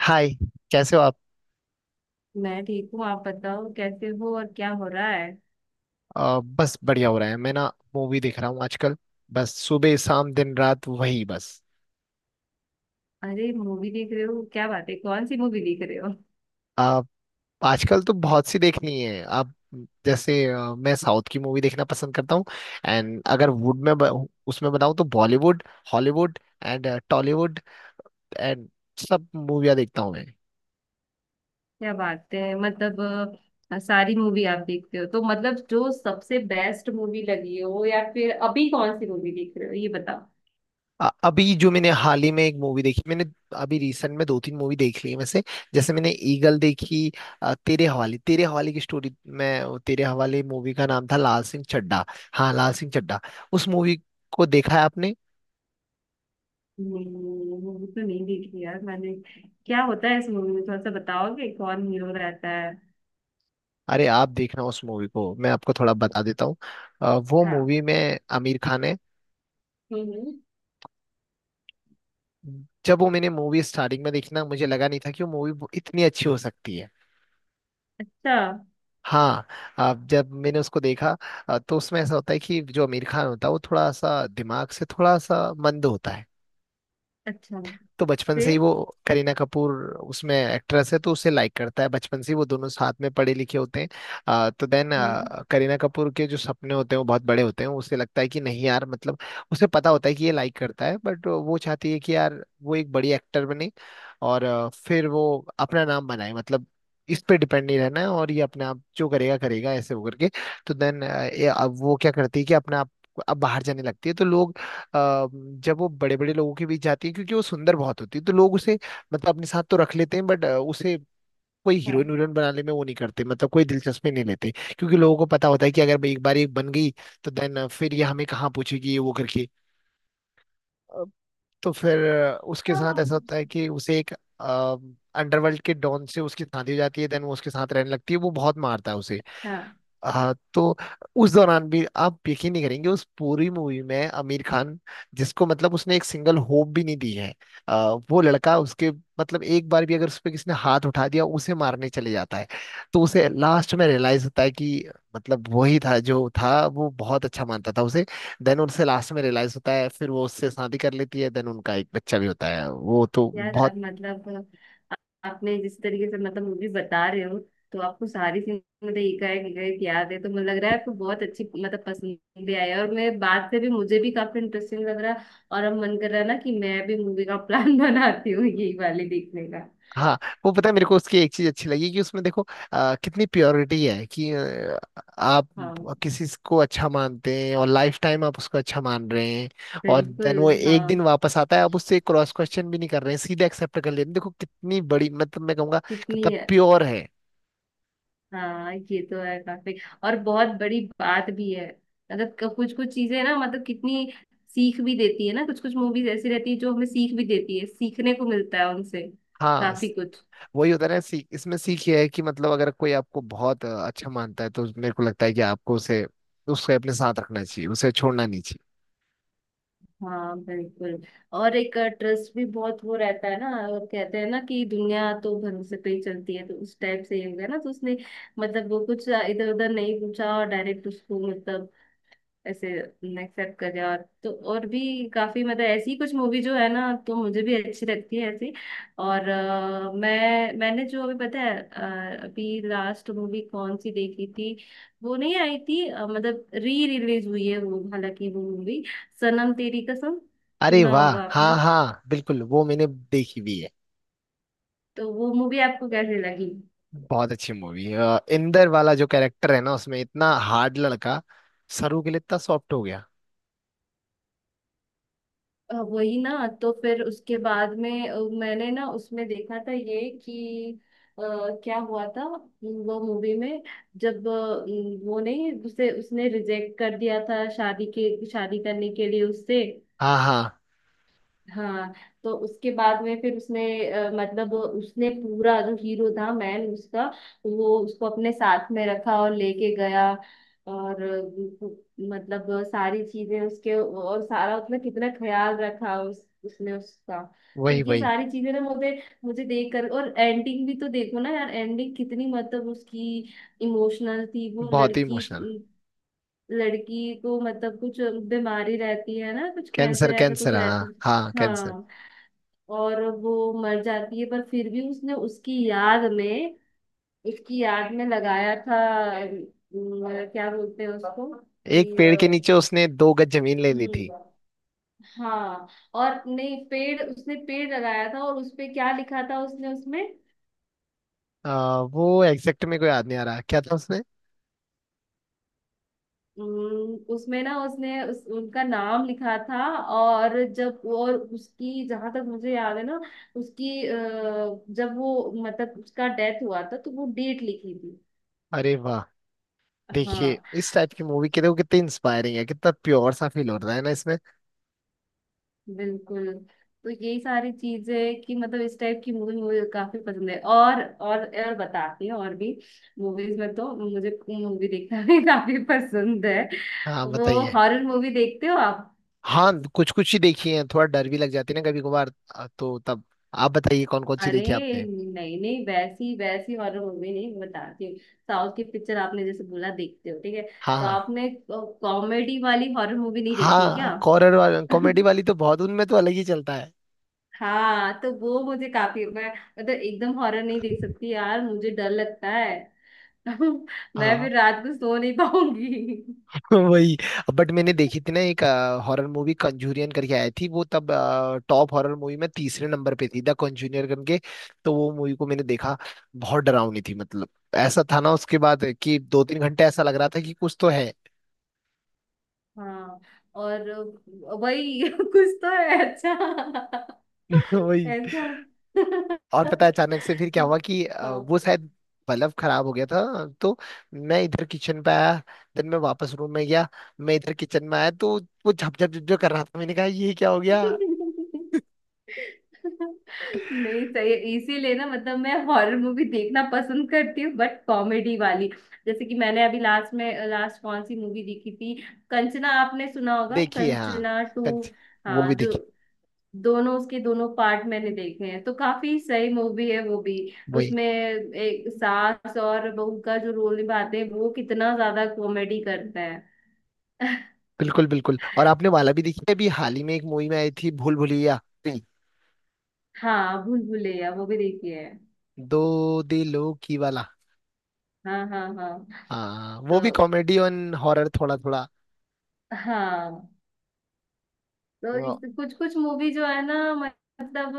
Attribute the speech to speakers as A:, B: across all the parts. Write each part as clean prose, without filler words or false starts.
A: हाय। कैसे हो आप।
B: मैं ठीक हूँ। आप बताओ कैसे हो और क्या हो रहा है।
A: बस बढ़िया हो रहा है। मैं ना मूवी देख रहा हूँ आजकल। बस सुबह शाम दिन रात वही बस।
B: अरे मूवी देख रहे हो, क्या बात है, कौन सी मूवी देख रहे हो?
A: आप आजकल तो बहुत सी देखनी है। आप जैसे मैं साउथ की मूवी देखना पसंद करता हूँ। एंड अगर वुड में उसमें बताऊँ तो Bollywood, Hollywood and Tollywood and सब मूवियाँ देखता हूँ मैं।
B: क्या बात है। मतलब सारी मूवी आप देखते हो, तो मतलब जो सबसे बेस्ट मूवी लगी हो या फिर अभी कौन सी मूवी देख रहे हो ये बताओ।
A: अभी जो मैंने हाल ही में एक मूवी देखी मैंने। अभी रिसेंट में दो तीन मूवी देख ली है वैसे। जैसे मैंने ईगल देखी। तेरे हवाले की स्टोरी में, वो तेरे हवाले मूवी का नाम था लाल सिंह चड्ढा। हाँ लाल सिंह चड्ढा। उस मूवी को देखा है आपने।
B: मूवी तो नहीं देखी यार मैंने। क्या होता है इस मूवी में, थोड़ा सा बताओगे? कौन हीरो रहता है?
A: अरे आप देखना उस मूवी को, मैं आपको थोड़ा बता देता हूँ। वो
B: हाँ।
A: मूवी में आमिर खान है।
B: हम्म।
A: जब वो मैंने मूवी स्टार्टिंग में देखी ना, मुझे लगा नहीं था कि वो मूवी इतनी अच्छी हो सकती है।
B: अच्छा।
A: हाँ। अब जब मैंने उसको देखा, तो उसमें ऐसा होता है कि जो आमिर खान होता है वो थोड़ा सा दिमाग से थोड़ा सा मंद होता है।
B: अच्छा।
A: तो बचपन से ही
B: फिर।
A: वो करीना कपूर, उसमें एक्ट्रेस है, तो उसे लाइक करता है बचपन से ही। वो दोनों साथ में पढ़े लिखे होते हैं। तो देन
B: हम्म।
A: करीना कपूर के जो सपने होते हैं वो बहुत बड़े होते हैं। उसे लगता है कि नहीं यार मतलब, उसे पता होता है कि ये लाइक करता है बट वो चाहती है कि यार वो एक बड़ी एक्टर बने और फिर वो अपना नाम बनाए। मतलब इस पे डिपेंड नहीं रहना है, और ये अपने आप जो करेगा करेगा ऐसे वो करके। तो देन अब वो क्या करती है कि अपने आप अब बाहर जाने लगती है। तो लोग, अ, जब वो बड़े बड़े लोगों के बीच जाती है क्योंकि वो सुंदर बहुत होती है, तो लोग उसे मतलब अपने साथ तो रख लेते हैं, बट उसे कोई
B: हाँ।
A: हीरोइन वीरोइन बनाने में वो नहीं करते, मतलब कोई दिलचस्पी नहीं लेते। क्योंकि लोगों को पता होता है कि अगर भाई एक बार ये बन गई तो देन फिर ये हमें कहाँ पूछेगी ये वो करके। अ, तो फिर उसके साथ ऐसा होता है कि उसे एक अंडरवर्ल्ड के डॉन से उसकी शादी हो जाती है। देन वो उसके साथ रहने लगती है, वो बहुत मारता है उसे।
B: हाँ,
A: हाँ। तो उस दौरान भी आप यकीन नहीं करेंगे, उस पूरी मूवी में आमिर खान जिसको मतलब उसने एक सिंगल होप भी नहीं दी है, वो लड़का उसके मतलब एक बार भी अगर उस पे किसी ने हाथ उठा दिया उसे मारने चले जाता है। तो उसे लास्ट में रियलाइज होता है कि मतलब वही था जो था, वो बहुत अच्छा मानता था उसे। देन उनसे लास्ट में रियलाइज होता है, फिर वो उससे शादी कर लेती है। देन उनका एक बच्चा भी होता है। वो तो
B: यार
A: बहुत।
B: अब मतलब, आ- आपने जिस तरीके से मतलब मूवी बता रहे हो, तो आपको सारी सीन मतलब एक एक एक याद है, तो मुझे लग रहा है आपको बहुत अच्छी मतलब पसंद भी आई है। और मैं बात से भी मुझे भी काफी इंटरेस्टिंग लग रहा है। और अब मन कर रहा है ना कि मैं भी मूवी का प्लान बनाती हूँ, यही वाली देखने का।
A: हाँ। वो पता है मेरे को उसकी एक चीज अच्छी लगी कि उसमें देखो कितनी प्योरिटी है कि आप
B: हाँ
A: किसी को अच्छा मानते हैं और लाइफ टाइम आप उसको अच्छा मान रहे हैं। और
B: बिल्कुल।
A: देन वो एक
B: हाँ
A: दिन वापस आता है, आप उससे क्रॉस क्वेश्चन भी नहीं कर रहे हैं, सीधे एक्सेप्ट कर लेते हैं। देखो कितनी बड़ी, मतलब मैं कहूँगा
B: कितनी।
A: कितना प्योर है।
B: हाँ ये तो है काफी। और बहुत बड़ी बात भी है। मतलब कुछ कुछ चीजें ना, मतलब कितनी सीख भी देती है ना। कुछ कुछ मूवीज ऐसी रहती है जो हमें सीख भी देती है, सीखने को मिलता है उनसे
A: हाँ
B: काफी कुछ।
A: वही होता है ना। सीख इसमें सीख ये है कि मतलब अगर कोई आपको बहुत अच्छा मानता है तो मेरे को लगता है कि आपको उसे उसे अपने साथ रखना चाहिए, उसे छोड़ना नहीं चाहिए।
B: हाँ बिल्कुल। और एक ट्रस्ट भी बहुत वो रहता है ना। और कहते हैं ना कि दुनिया तो भरोसे पे ही चलती है, तो उस टाइप से ये हो गया ना, तो उसने मतलब वो कुछ इधर उधर नहीं पूछा और डायरेक्ट उसको मतलब ऐसे एक्सेप्ट कर जाए। और तो और भी काफी मतलब ऐसी कुछ मूवी जो है ना, तो मुझे भी अच्छी लगती है ऐसी। और मैंने जो अभी पता है, अभी लास्ट मूवी कौन सी देखी थी, वो नहीं आई थी। मतलब री रिलीज हुई है वो, हालांकि वो मूवी सनम तेरी कसम,
A: अरे
B: सुना
A: वाह,
B: होगा
A: हाँ
B: आपने?
A: हाँ बिल्कुल, वो मैंने देखी भी है।
B: तो वो मूवी आपको कैसे लगी?
A: बहुत अच्छी मूवी। इंदर वाला जो कैरेक्टर है ना उसमें, इतना हार्ड लड़का सरू के लिए इतना सॉफ्ट हो गया।
B: वही ना। तो फिर उसके बाद में, मैंने ना उसमें देखा था ये कि अ, क्या हुआ था वो मूवी में, जब वो नहीं उसे उसने रिजेक्ट कर दिया था शादी के, शादी करने के लिए उससे।
A: हाँ हाँ।
B: हाँ। तो उसके बाद में फिर उसने मतलब उसने पूरा, जो हीरो था मैन उसका, वो उसको अपने साथ में रखा और लेके गया। और मतलब सारी चीजें उसके, और सारा उसने कितना ख्याल रखा उस, उसने उसका। तो
A: वही
B: ये
A: वही।
B: सारी चीजें ना, मुझे मुझे देख कर और एंडिंग भी तो देखो ना यार, एंडिंग कितनी मतलब उसकी इमोशनल थी। वो
A: बहुत ही
B: लड़की,
A: इमोशनल।
B: लड़की को मतलब कुछ बीमारी रहती है ना, कुछ
A: कैंसर
B: कैंसर ऐसा
A: कैंसर
B: कुछ
A: हाँ
B: रहती।
A: हाँ कैंसर।
B: हाँ। और वो मर जाती है पर फिर भी उसने उसकी याद में, उसकी याद में लगाया था। अम, क्या बोलते हैं उसको
A: एक
B: कि
A: पेड़ के नीचे उसने दो गज जमीन ले ली थी।
B: हम्म। हाँ। और नहीं, पेड़ उसने पेड़ लगाया था और उसपे क्या लिखा था उसने उसमें।
A: वो एग्जैक्ट में कोई याद नहीं आ रहा क्या था उसने।
B: उसमें ना उसने उनका नाम लिखा था। और जब, और उसकी जहां तक मुझे याद है ना, उसकी जब वो मतलब उसका डेथ हुआ था तो वो डेट लिखी थी।
A: अरे वाह। देखिए
B: हाँ
A: इस टाइप की मूवी के लिए, वो कितनी इंस्पायरिंग है, कितना प्योर सा फील हो रहा है ना इसमें।
B: बिल्कुल। तो यही सारी चीजें कि मतलब इस टाइप की मूवी मुझे काफी पसंद है। और बताती हूँ और भी मूवीज में, तो मुझे मूवी देखना भी काफी पसंद है।
A: हाँ
B: वो
A: बताइए।
B: हॉरर मूवी देखते हो आप?
A: हाँ कुछ कुछ ही देखी है, थोड़ा डर भी लग जाती है ना कभी कभार, तो तब आप बताइए कौन कौन सी
B: अरे
A: देखी आपने।
B: नहीं नहीं, वैसी वैसी हॉरर मूवी नहीं, मैं बताती हूँ। साउथ की पिक्चर आपने, जैसे बोला, देखते हो, ठीक है?
A: हाँ
B: तो
A: हाँ
B: आपने कॉमेडी वाली हॉरर मूवी नहीं देखी है
A: हाँ।
B: क्या?
A: कॉरर वाला कॉमेडी वाली तो बहुत, उनमें तो अलग ही चलता है।
B: हाँ, तो वो मुझे काफी, मैं मतलब एकदम हॉरर नहीं देख सकती यार, मुझे डर लगता है। मैं
A: हाँ
B: फिर रात को सो नहीं पाऊंगी।
A: वही। बट मैंने देखी थी ना एक हॉरर मूवी, कंजूरियन करके आई थी वो तब। टॉप हॉरर मूवी में तीसरे नंबर पे थी द कंजूरियन करके। तो वो मूवी को मैंने देखा, बहुत डरावनी थी मतलब। ऐसा था ना उसके बाद कि दो तीन घंटे ऐसा लग रहा था कि कुछ तो है।
B: हाँ। और वही कुछ तो है, अच्छा,
A: वही।
B: ऐसा।
A: और पता है अचानक से फिर क्या हुआ कि
B: हाँ।
A: वो शायद बल्ब खराब हो गया था। तो मैं इधर किचन पे आया, देन मैं वापस रूम में गया, मैं इधर किचन में आया तो वो झप झप झप झप कर रहा था। मैंने कहा ये क्या हो गया।
B: नहीं सही है। इसीलिए ना, मतलब मैं हॉरर मूवी देखना पसंद करती हूँ, बट कॉमेडी वाली। जैसे कि मैंने अभी लास्ट में, लास्ट कौन सी मूवी देखी थी, कंचना, आपने सुना होगा,
A: देखिए हाँ।
B: कंचना टू।
A: कंच। वो भी
B: हाँ, जो
A: देखी।
B: दोनों, उसके दोनों पार्ट मैंने देखे हैं, तो काफी सही मूवी है वो भी।
A: वही।
B: उसमें एक सास और बहू का जो रोल निभाते हैं, वो कितना ज्यादा कॉमेडी करता है।
A: बिल्कुल बिल्कुल। और आपने वाला भी देखी है? अभी हाल ही में एक मूवी में आई थी भूल भुलैया। नहीं,
B: हाँ भूल भुलैया वो भी देखी है।
A: दो दिलों की वाला।
B: हाँ हाँ हाँ।
A: हाँ वो भी
B: तो
A: कॉमेडी और हॉरर थोड़ा थोड़ा।
B: हाँ, तो इस कुछ कुछ मूवी जो है ना, मतलब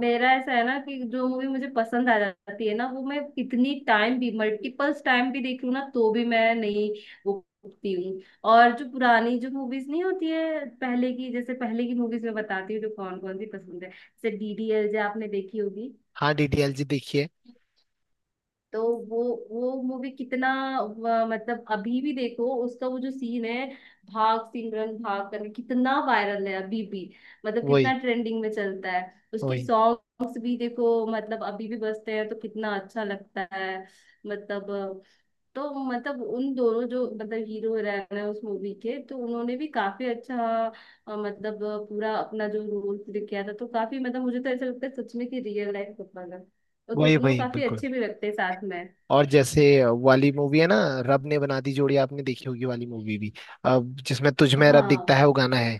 B: मेरा ऐसा है ना कि जो मूवी मुझे पसंद आ जाती है ना, वो मैं कितनी टाइम भी, मल्टीपल्स टाइम भी देख लूँ ना, तो भी मैं नहीं, वो, उठती हूँ। और जो पुरानी जो मूवीज नहीं होती है, पहले की, जैसे पहले की मूवीज में बताती हूँ जो कौन कौन सी पसंद है, जैसे डीडीएलजे, आपने देखी होगी।
A: हाँ डीडीएलजे देखिए।
B: तो वो वो मूवी कितना, मतलब अभी भी देखो उसका वो जो सीन है, भाग सिमरन भाग करके, कितना वायरल है अभी भी, मतलब कितना
A: वही
B: ट्रेंडिंग में चलता है। उसके
A: वही।
B: सॉन्ग्स भी देखो, मतलब अभी भी बजते हैं, तो कितना अच्छा लगता है। मतलब, तो मतलब उन दोनों जो मतलब हीरो हीरोइन है उस मूवी के, तो उन्होंने भी काफी अच्छा मतलब पूरा अपना जो रोल प्ले किया था, तो काफी मतलब मुझे तो ऐसा लगता है सच में कि रियल लाइफ कपल है। और
A: वही
B: दोनों
A: वही
B: काफी
A: बिल्कुल।
B: अच्छे भी लगते हैं साथ में।
A: और जैसे वाली मूवी है ना, रब ने बना दी जोड़ी आपने देखी होगी वाली मूवी भी। अब जिसमें तुझ में रब
B: हाँ
A: दिखता है वो गाना है।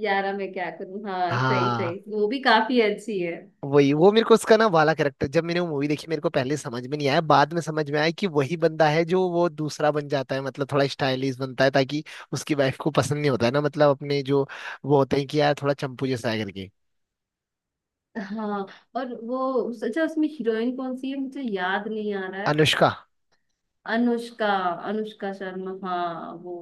B: यारा मैं क्या करूँ, हाँ सही
A: हाँ।
B: सही, वो भी काफी अच्छी है।
A: वही। वो मेरे को उसका ना वाला कैरेक्टर जब मैंने वो मूवी देखी मेरे को पहले समझ में नहीं आया, बाद में समझ में आया कि वही बंदा है जो वो दूसरा बन जाता है। मतलब थोड़ा स्टाइलिश बनता है ताकि उसकी वाइफ को पसंद, नहीं होता है ना मतलब अपने जो वो होते हैं कि यार थोड़ा चंपू जैसा है करके।
B: हाँ। और वो अच्छा, उसमें हीरोइन कौन सी है मुझे याद नहीं आ रहा है।
A: अनुष्का।
B: अनुष्का, अनुष्का शर्मा, हाँ वो।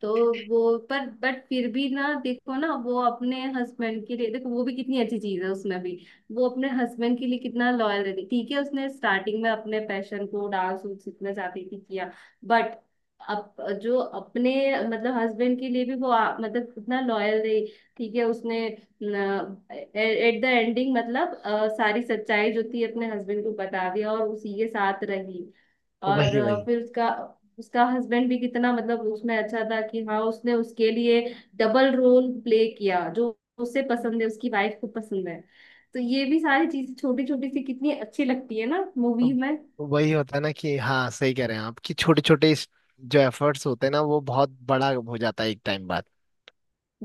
B: तो वो पर बट फिर भी ना, देखो ना, वो अपने हस्बैंड के लिए, देखो वो भी कितनी अच्छी चीज है उसमें भी। वो अपने हस्बैंड के लिए कितना लॉयल रहती, ठीक है, उसने स्टार्टिंग में अपने पैशन को डांस उन्स सीखना चाहती थी, किया। बट अब जो अपने मतलब हस्बैंड के लिए भी वो मतलब कितना लॉयल रही, ठीक है उसने। एट द एंडिंग मतलब सारी सच्चाई जो थी अपने हस्बैंड को बता दिया और उसी के साथ रही। और
A: वही वही।
B: फिर उसका, उसका हस्बैंड भी कितना मतलब उसमें अच्छा था कि हाँ उसने उसके लिए डबल रोल प्ले किया, जो उसे पसंद है, उसकी वाइफ को पसंद है। तो ये भी सारी चीजें, छोटी छोटी सी कितनी अच्छी लगती है ना मूवी
A: अब
B: में।
A: वही होता है ना कि हाँ सही कह रहे हैं आप कि छोटे छोटे जो एफर्ट्स होते हैं ना वो बहुत बड़ा हो जाता है एक टाइम बाद।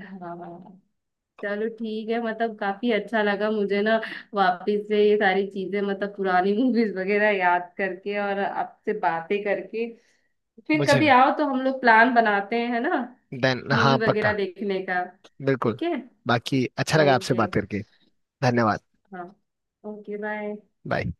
B: हाँ। चलो ठीक है, मतलब काफी अच्छा लगा मुझे ना, वापस से ये सारी चीजें मतलब पुरानी मूवीज वगैरह याद करके और आपसे बातें करके। फिर
A: मुझे
B: कभी आओ तो हम लोग प्लान बनाते हैं, है ना,
A: देन, हाँ
B: मूवी वगैरह
A: पक्का।
B: देखने का।
A: बिल्कुल।
B: ठीक है।
A: बाकी अच्छा लगा आपसे
B: ओके।
A: बात करके। धन्यवाद।
B: हाँ। Okay bye.
A: बाय।